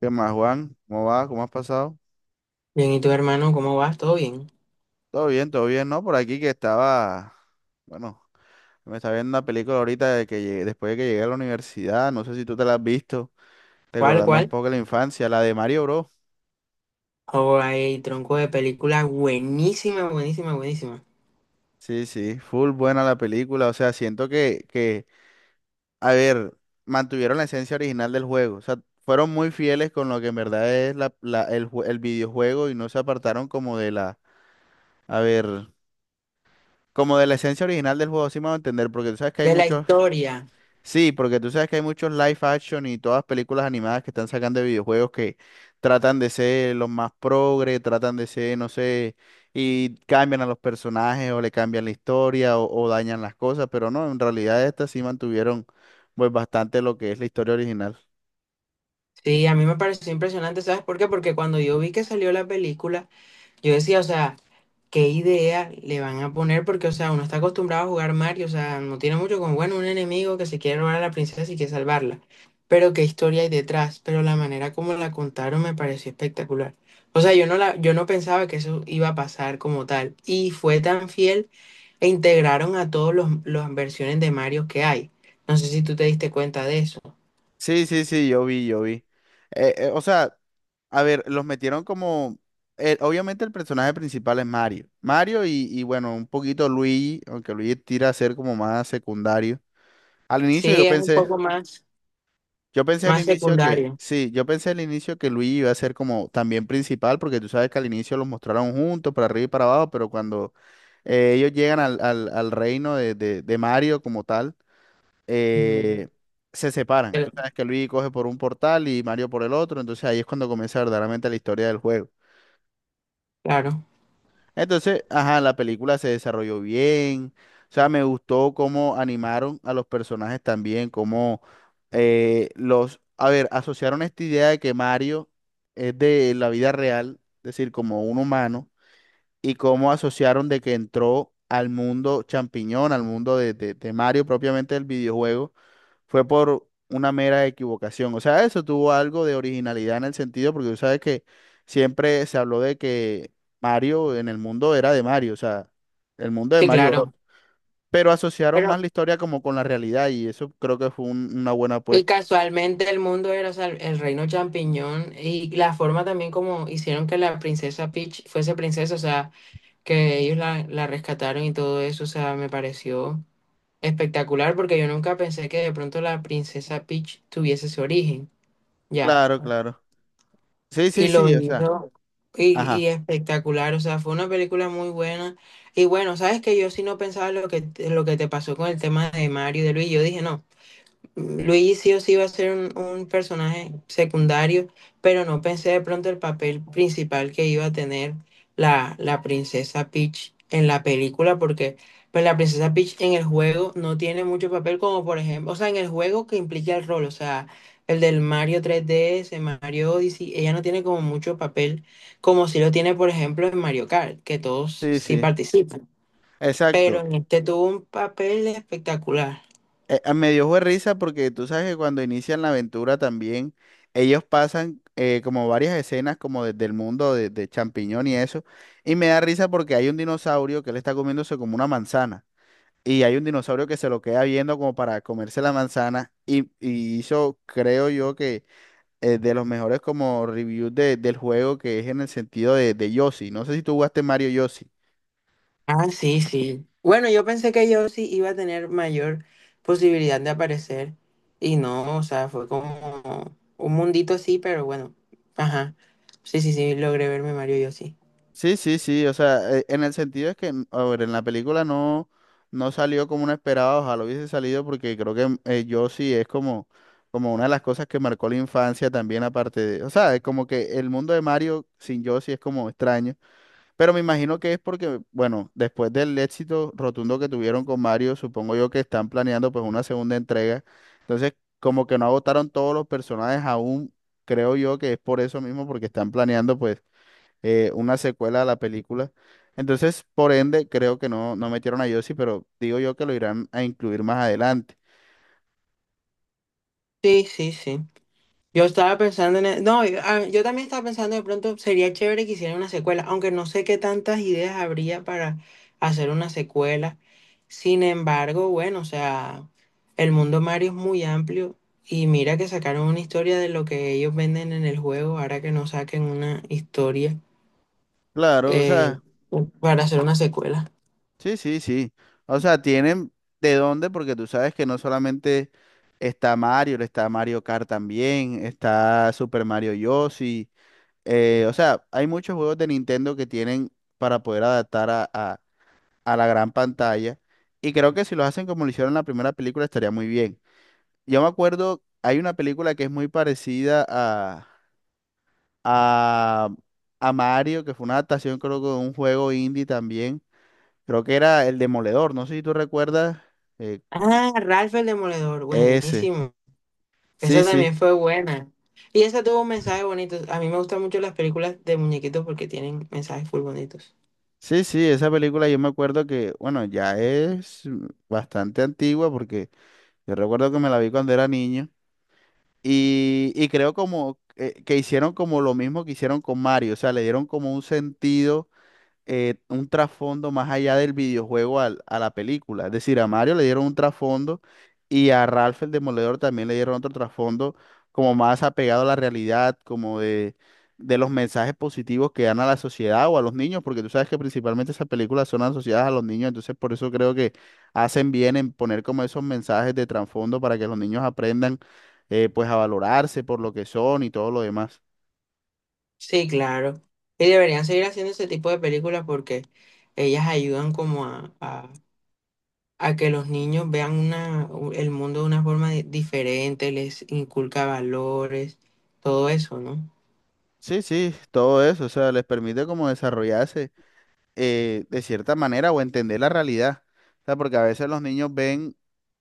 ¿Qué más, Juan? ¿Cómo va? ¿Cómo has pasado? Bien, ¿y tu hermano cómo vas? ¿Todo bien? Todo bien, ¿no? Por aquí que estaba, bueno, me estaba viendo una película ahorita de después de que llegué a la universidad, no sé si tú te la has visto, ¿Cuál, recordando un cuál? poco la infancia, la de Mario Bros. Oh, hay tronco de película buenísima, buenísima, buenísima. Sí, sí, full buena la película, o sea, siento que, a ver, mantuvieron la esencia original del juego, o sea, fueron muy fieles con lo que en verdad es el videojuego y no se apartaron como de la, a ver, como de la esencia original del juego, sí me va a entender, porque tú sabes que hay De la muchos. historia. Sí, porque tú sabes que hay muchos live action y todas películas animadas que están sacando de videojuegos que tratan de ser los más progre, tratan de ser, no sé, y cambian a los personajes o le cambian la historia o dañan las cosas, pero no, en realidad estas sí mantuvieron pues bastante lo que es la historia original. Sí, a mí me pareció impresionante, ¿sabes por qué? Porque cuando yo vi que salió la película, yo decía, o sea, ¿qué idea le van a poner? Porque, o sea, uno está acostumbrado a jugar Mario, o sea, no tiene mucho con, bueno, un enemigo que se quiere robar a la princesa y quiere salvarla. Pero qué historia hay detrás, pero la manera como la contaron me pareció espectacular. O sea, yo no pensaba que eso iba a pasar como tal. Y fue tan fiel e integraron a todos las versiones de Mario que hay. No sé si tú te diste cuenta de eso. Sí, sí, sí, yo vi. O sea, a ver, los metieron como... obviamente el personaje principal es Mario. Mario y bueno, un poquito Luigi, aunque Luigi tira a ser como más secundario. Al inicio Sí, es un poco más, yo pensé al más inicio que, secundario. sí, yo pensé al inicio que Luigi iba a ser como también principal, porque tú sabes que al inicio los mostraron juntos, para arriba y para abajo, pero cuando ellos llegan al reino de Mario como tal, Mm, eh, se separan. pero- Tú sabes que Luigi coge por un portal y Mario por el otro, entonces ahí es cuando comienza verdaderamente la historia del juego. Claro, Entonces, ajá, la película se desarrolló bien. O sea, me gustó cómo animaron a los personajes también, cómo los, a ver, asociaron esta idea de que Mario es de la vida real, es decir, como un humano, y cómo asociaron de que entró al mundo champiñón, al mundo de Mario propiamente del videojuego fue por una mera equivocación. O sea, eso tuvo algo de originalidad en el sentido, porque tú sabes que siempre se habló de que Mario en el mundo era de Mario, o sea, el mundo de sí, Mario Bros. claro. Pero asociaron Pero más la historia como con la realidad y eso creo que fue una buena y apuesta. casualmente el mundo era, o sea, el reino champiñón y la forma también como hicieron que la princesa Peach fuese princesa, o sea, que ellos la rescataron y todo eso, o sea, me pareció espectacular porque yo nunca pensé que de pronto la princesa Peach tuviese su origen, ya. Claro, claro. Sí, Y sí, lo sí, o sea, hizo ajá. y espectacular, o sea, fue una película muy buena. Y bueno, sabes que yo sí no pensaba lo que te pasó con el tema de Mario y de Luis, yo dije, no. Luis sí o sí iba a ser un personaje secundario, pero no pensé de pronto el papel principal que iba a tener la princesa Peach en la película, porque pues, la princesa Peach en el juego no tiene mucho papel, como por ejemplo, o sea, en el juego que implica el rol, o sea, el del Mario 3DS, Mario Odyssey, ella no tiene como mucho papel, como si lo tiene, por ejemplo, en Mario Kart, que todos Sí, sí sí. participan, pero Exacto. en este tuvo un papel espectacular. Me dio fue risa porque tú sabes que cuando inician la aventura también ellos pasan como varias escenas como desde el mundo de champiñón y eso. Y me da risa porque hay un dinosaurio que le está comiéndose como una manzana. Y hay un dinosaurio que se lo queda viendo como para comerse la manzana. Y hizo, creo yo, que de los mejores como reviews del juego que es en el sentido de Yoshi. No sé si tú jugaste Mario Yoshi. Ah, sí, sí. Bueno, yo pensé que yo sí iba a tener mayor posibilidad de aparecer y no, o sea, fue como un mundito así, pero bueno, ajá. Sí, sí, sí, logré verme Mario yo sí. Sí, sí, sí, o sea, en el sentido es que, a ver, en la película no, no salió como uno esperaba, ojalá hubiese salido porque creo que yo sí es como, como una de las cosas que marcó la infancia también aparte de, o sea, es como que el mundo de Mario sin Yoshi es como extraño, pero me imagino que es porque, bueno, después del éxito rotundo que tuvieron con Mario, supongo yo que están planeando pues una segunda entrega, entonces como que no agotaron todos los personajes aún, creo yo que es por eso mismo, porque están planeando pues una secuela a la película. Entonces, por ende, creo que no, no metieron a Yossi, pero digo yo que lo irán a incluir más adelante. Sí, sí, sí. Yo estaba pensando en... e- No, yo yo también estaba pensando de pronto sería chévere que hicieran una secuela, aunque no sé qué tantas ideas habría para hacer una secuela. Sin embargo, bueno, o sea, el mundo Mario es muy amplio y mira que sacaron una historia de lo que ellos venden en el juego, ahora que no saquen una historia Claro, o sea, eh, para hacer una secuela. sí, sí, sí. O sea, tienen de dónde, porque tú sabes que no solamente está Mario Kart también, está Super Mario Yossi. O sea, hay muchos juegos de Nintendo que tienen para poder adaptar a la gran pantalla. Y creo que si lo hacen como lo hicieron en la primera película estaría muy bien. Yo me acuerdo, hay una película que es muy parecida a, a Mario, que fue una adaptación creo que de un juego indie también. Creo que era El Demoledor, no sé si tú recuerdas eh, Ah, Ralph el Demoledor, ese. buenísimo. Sí, Esa sí, también fue buena. Y esa tuvo un mensaje bonito. A mí me gustan mucho las películas de muñequitos porque tienen mensajes full bonitos. sí, sí, esa película yo me acuerdo que, bueno, ya es bastante antigua porque yo recuerdo que me la vi cuando era niño y creo como que hicieron como lo mismo que hicieron con Mario, o sea, le dieron como un sentido un trasfondo más allá del videojuego a la película. Es decir, a Mario le dieron un trasfondo y a Ralph el Demoledor también le dieron otro trasfondo como más apegado a la realidad, como de los mensajes positivos que dan a la sociedad o a los niños, porque tú sabes que principalmente esas películas son asociadas a los niños, entonces por eso creo que hacen bien en poner como esos mensajes de trasfondo para que los niños aprendan pues a valorarse por lo que son y todo lo demás. Sí, claro. Y deberían seguir haciendo ese tipo de películas porque ellas ayudan como a que los niños vean una, u- el mundo de una forma di- diferente, les inculca valores, todo eso, ¿no? Sí, sí, todo eso, o sea, les permite como desarrollarse de cierta manera o entender la realidad. O sea, porque a veces los niños ven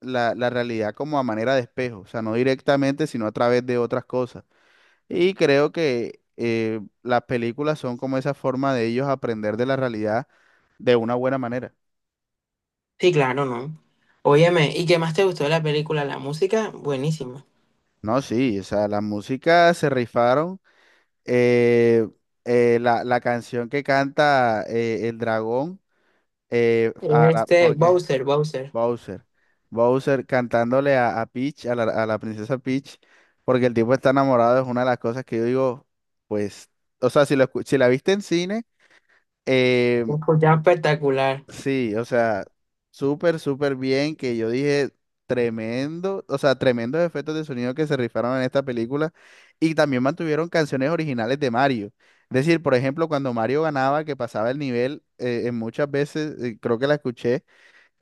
la, la realidad como a manera de espejo, o sea, no directamente, sino a través de otras cosas. Y creo que las películas son como esa forma de ellos aprender de la realidad de una buena manera. Sí, claro, ¿no? Óyeme, ¿y qué más te gustó de la película? La música, buenísima. No, sí, o sea, la música se rifaron. eh, la, la canción que canta el dragón, ahora, Este, porque Bowser, Bowser. Bowser. Bowser cantándole a Peach, a la princesa Peach, porque el tipo está enamorado, es una de las cosas que yo digo, pues, o sea, si, si la viste en cine, eh, Un escuchaba espectacular. sí, o sea, súper, súper bien, que yo dije, tremendo, o sea, tremendos efectos de sonido que se rifaron en esta película, y también mantuvieron canciones originales de Mario. Es decir, por ejemplo, cuando Mario ganaba, que pasaba el nivel, en muchas veces, creo que la escuché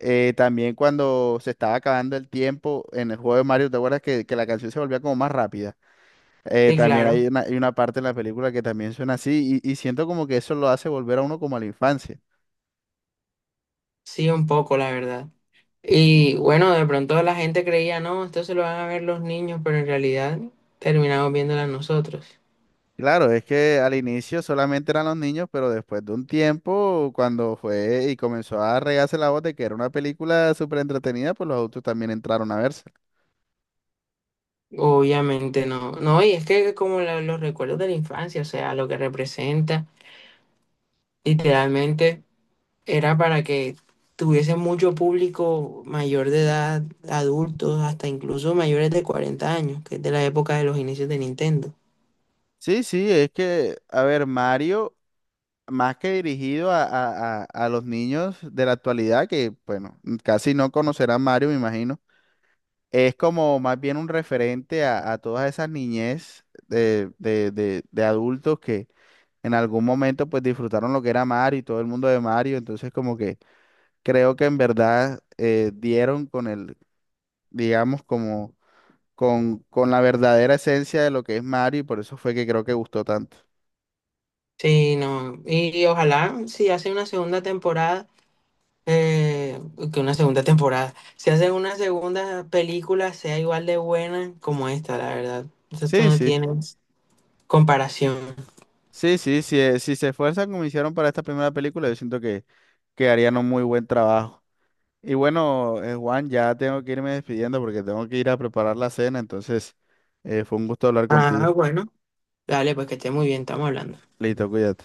también cuando se estaba acabando el tiempo en el juego de Mario, ¿te acuerdas que la canción se volvía como más rápida? Sí, También claro. Hay una parte en la película que también suena así y siento como que eso lo hace volver a uno como a la infancia. Sí, un poco, la verdad. Y bueno, de pronto la gente creía, no, esto se lo van a ver los niños, pero en realidad terminamos viéndola nosotros. Claro, es que al inicio solamente eran los niños, pero después de un tiempo, cuando fue y comenzó a regarse la voz de que era una película súper entretenida, pues los adultos también entraron a verse. Obviamente no. No, y es que como la- los recuerdos de la infancia, o sea, lo que representa, literalmente era para que tuviese mucho público mayor de edad, adultos, hasta incluso mayores de 40 años, que es de la época de los inicios de Nintendo. Sí, sí, es que, a ver, Mario. Más que dirigido a los niños de la actualidad, que bueno, casi no conocerán Mario, me imagino, es como más bien un referente a todas esas niñez de adultos que en algún momento pues disfrutaron lo que era Mario y todo el mundo de Mario, entonces como que creo que en verdad dieron con el, digamos, como con la verdadera esencia de lo que es Mario y por eso fue que creo que gustó tanto. Sí, no. Y ojalá si hace una segunda temporada. eh, que una segunda temporada. Si hacen una segunda película, sea igual de buena como esta, la verdad. Esto Sí, no sí. tiene comparación. Sí, sí, sí, si se esfuerzan como hicieron para esta primera película, yo siento que harían un muy buen trabajo. Y bueno, Juan, ya tengo que irme despidiendo porque tengo que ir a preparar la cena, entonces fue un gusto hablar Ah, contigo. bueno. Dale, pues que esté muy bien, estamos hablando. Listo, cuídate.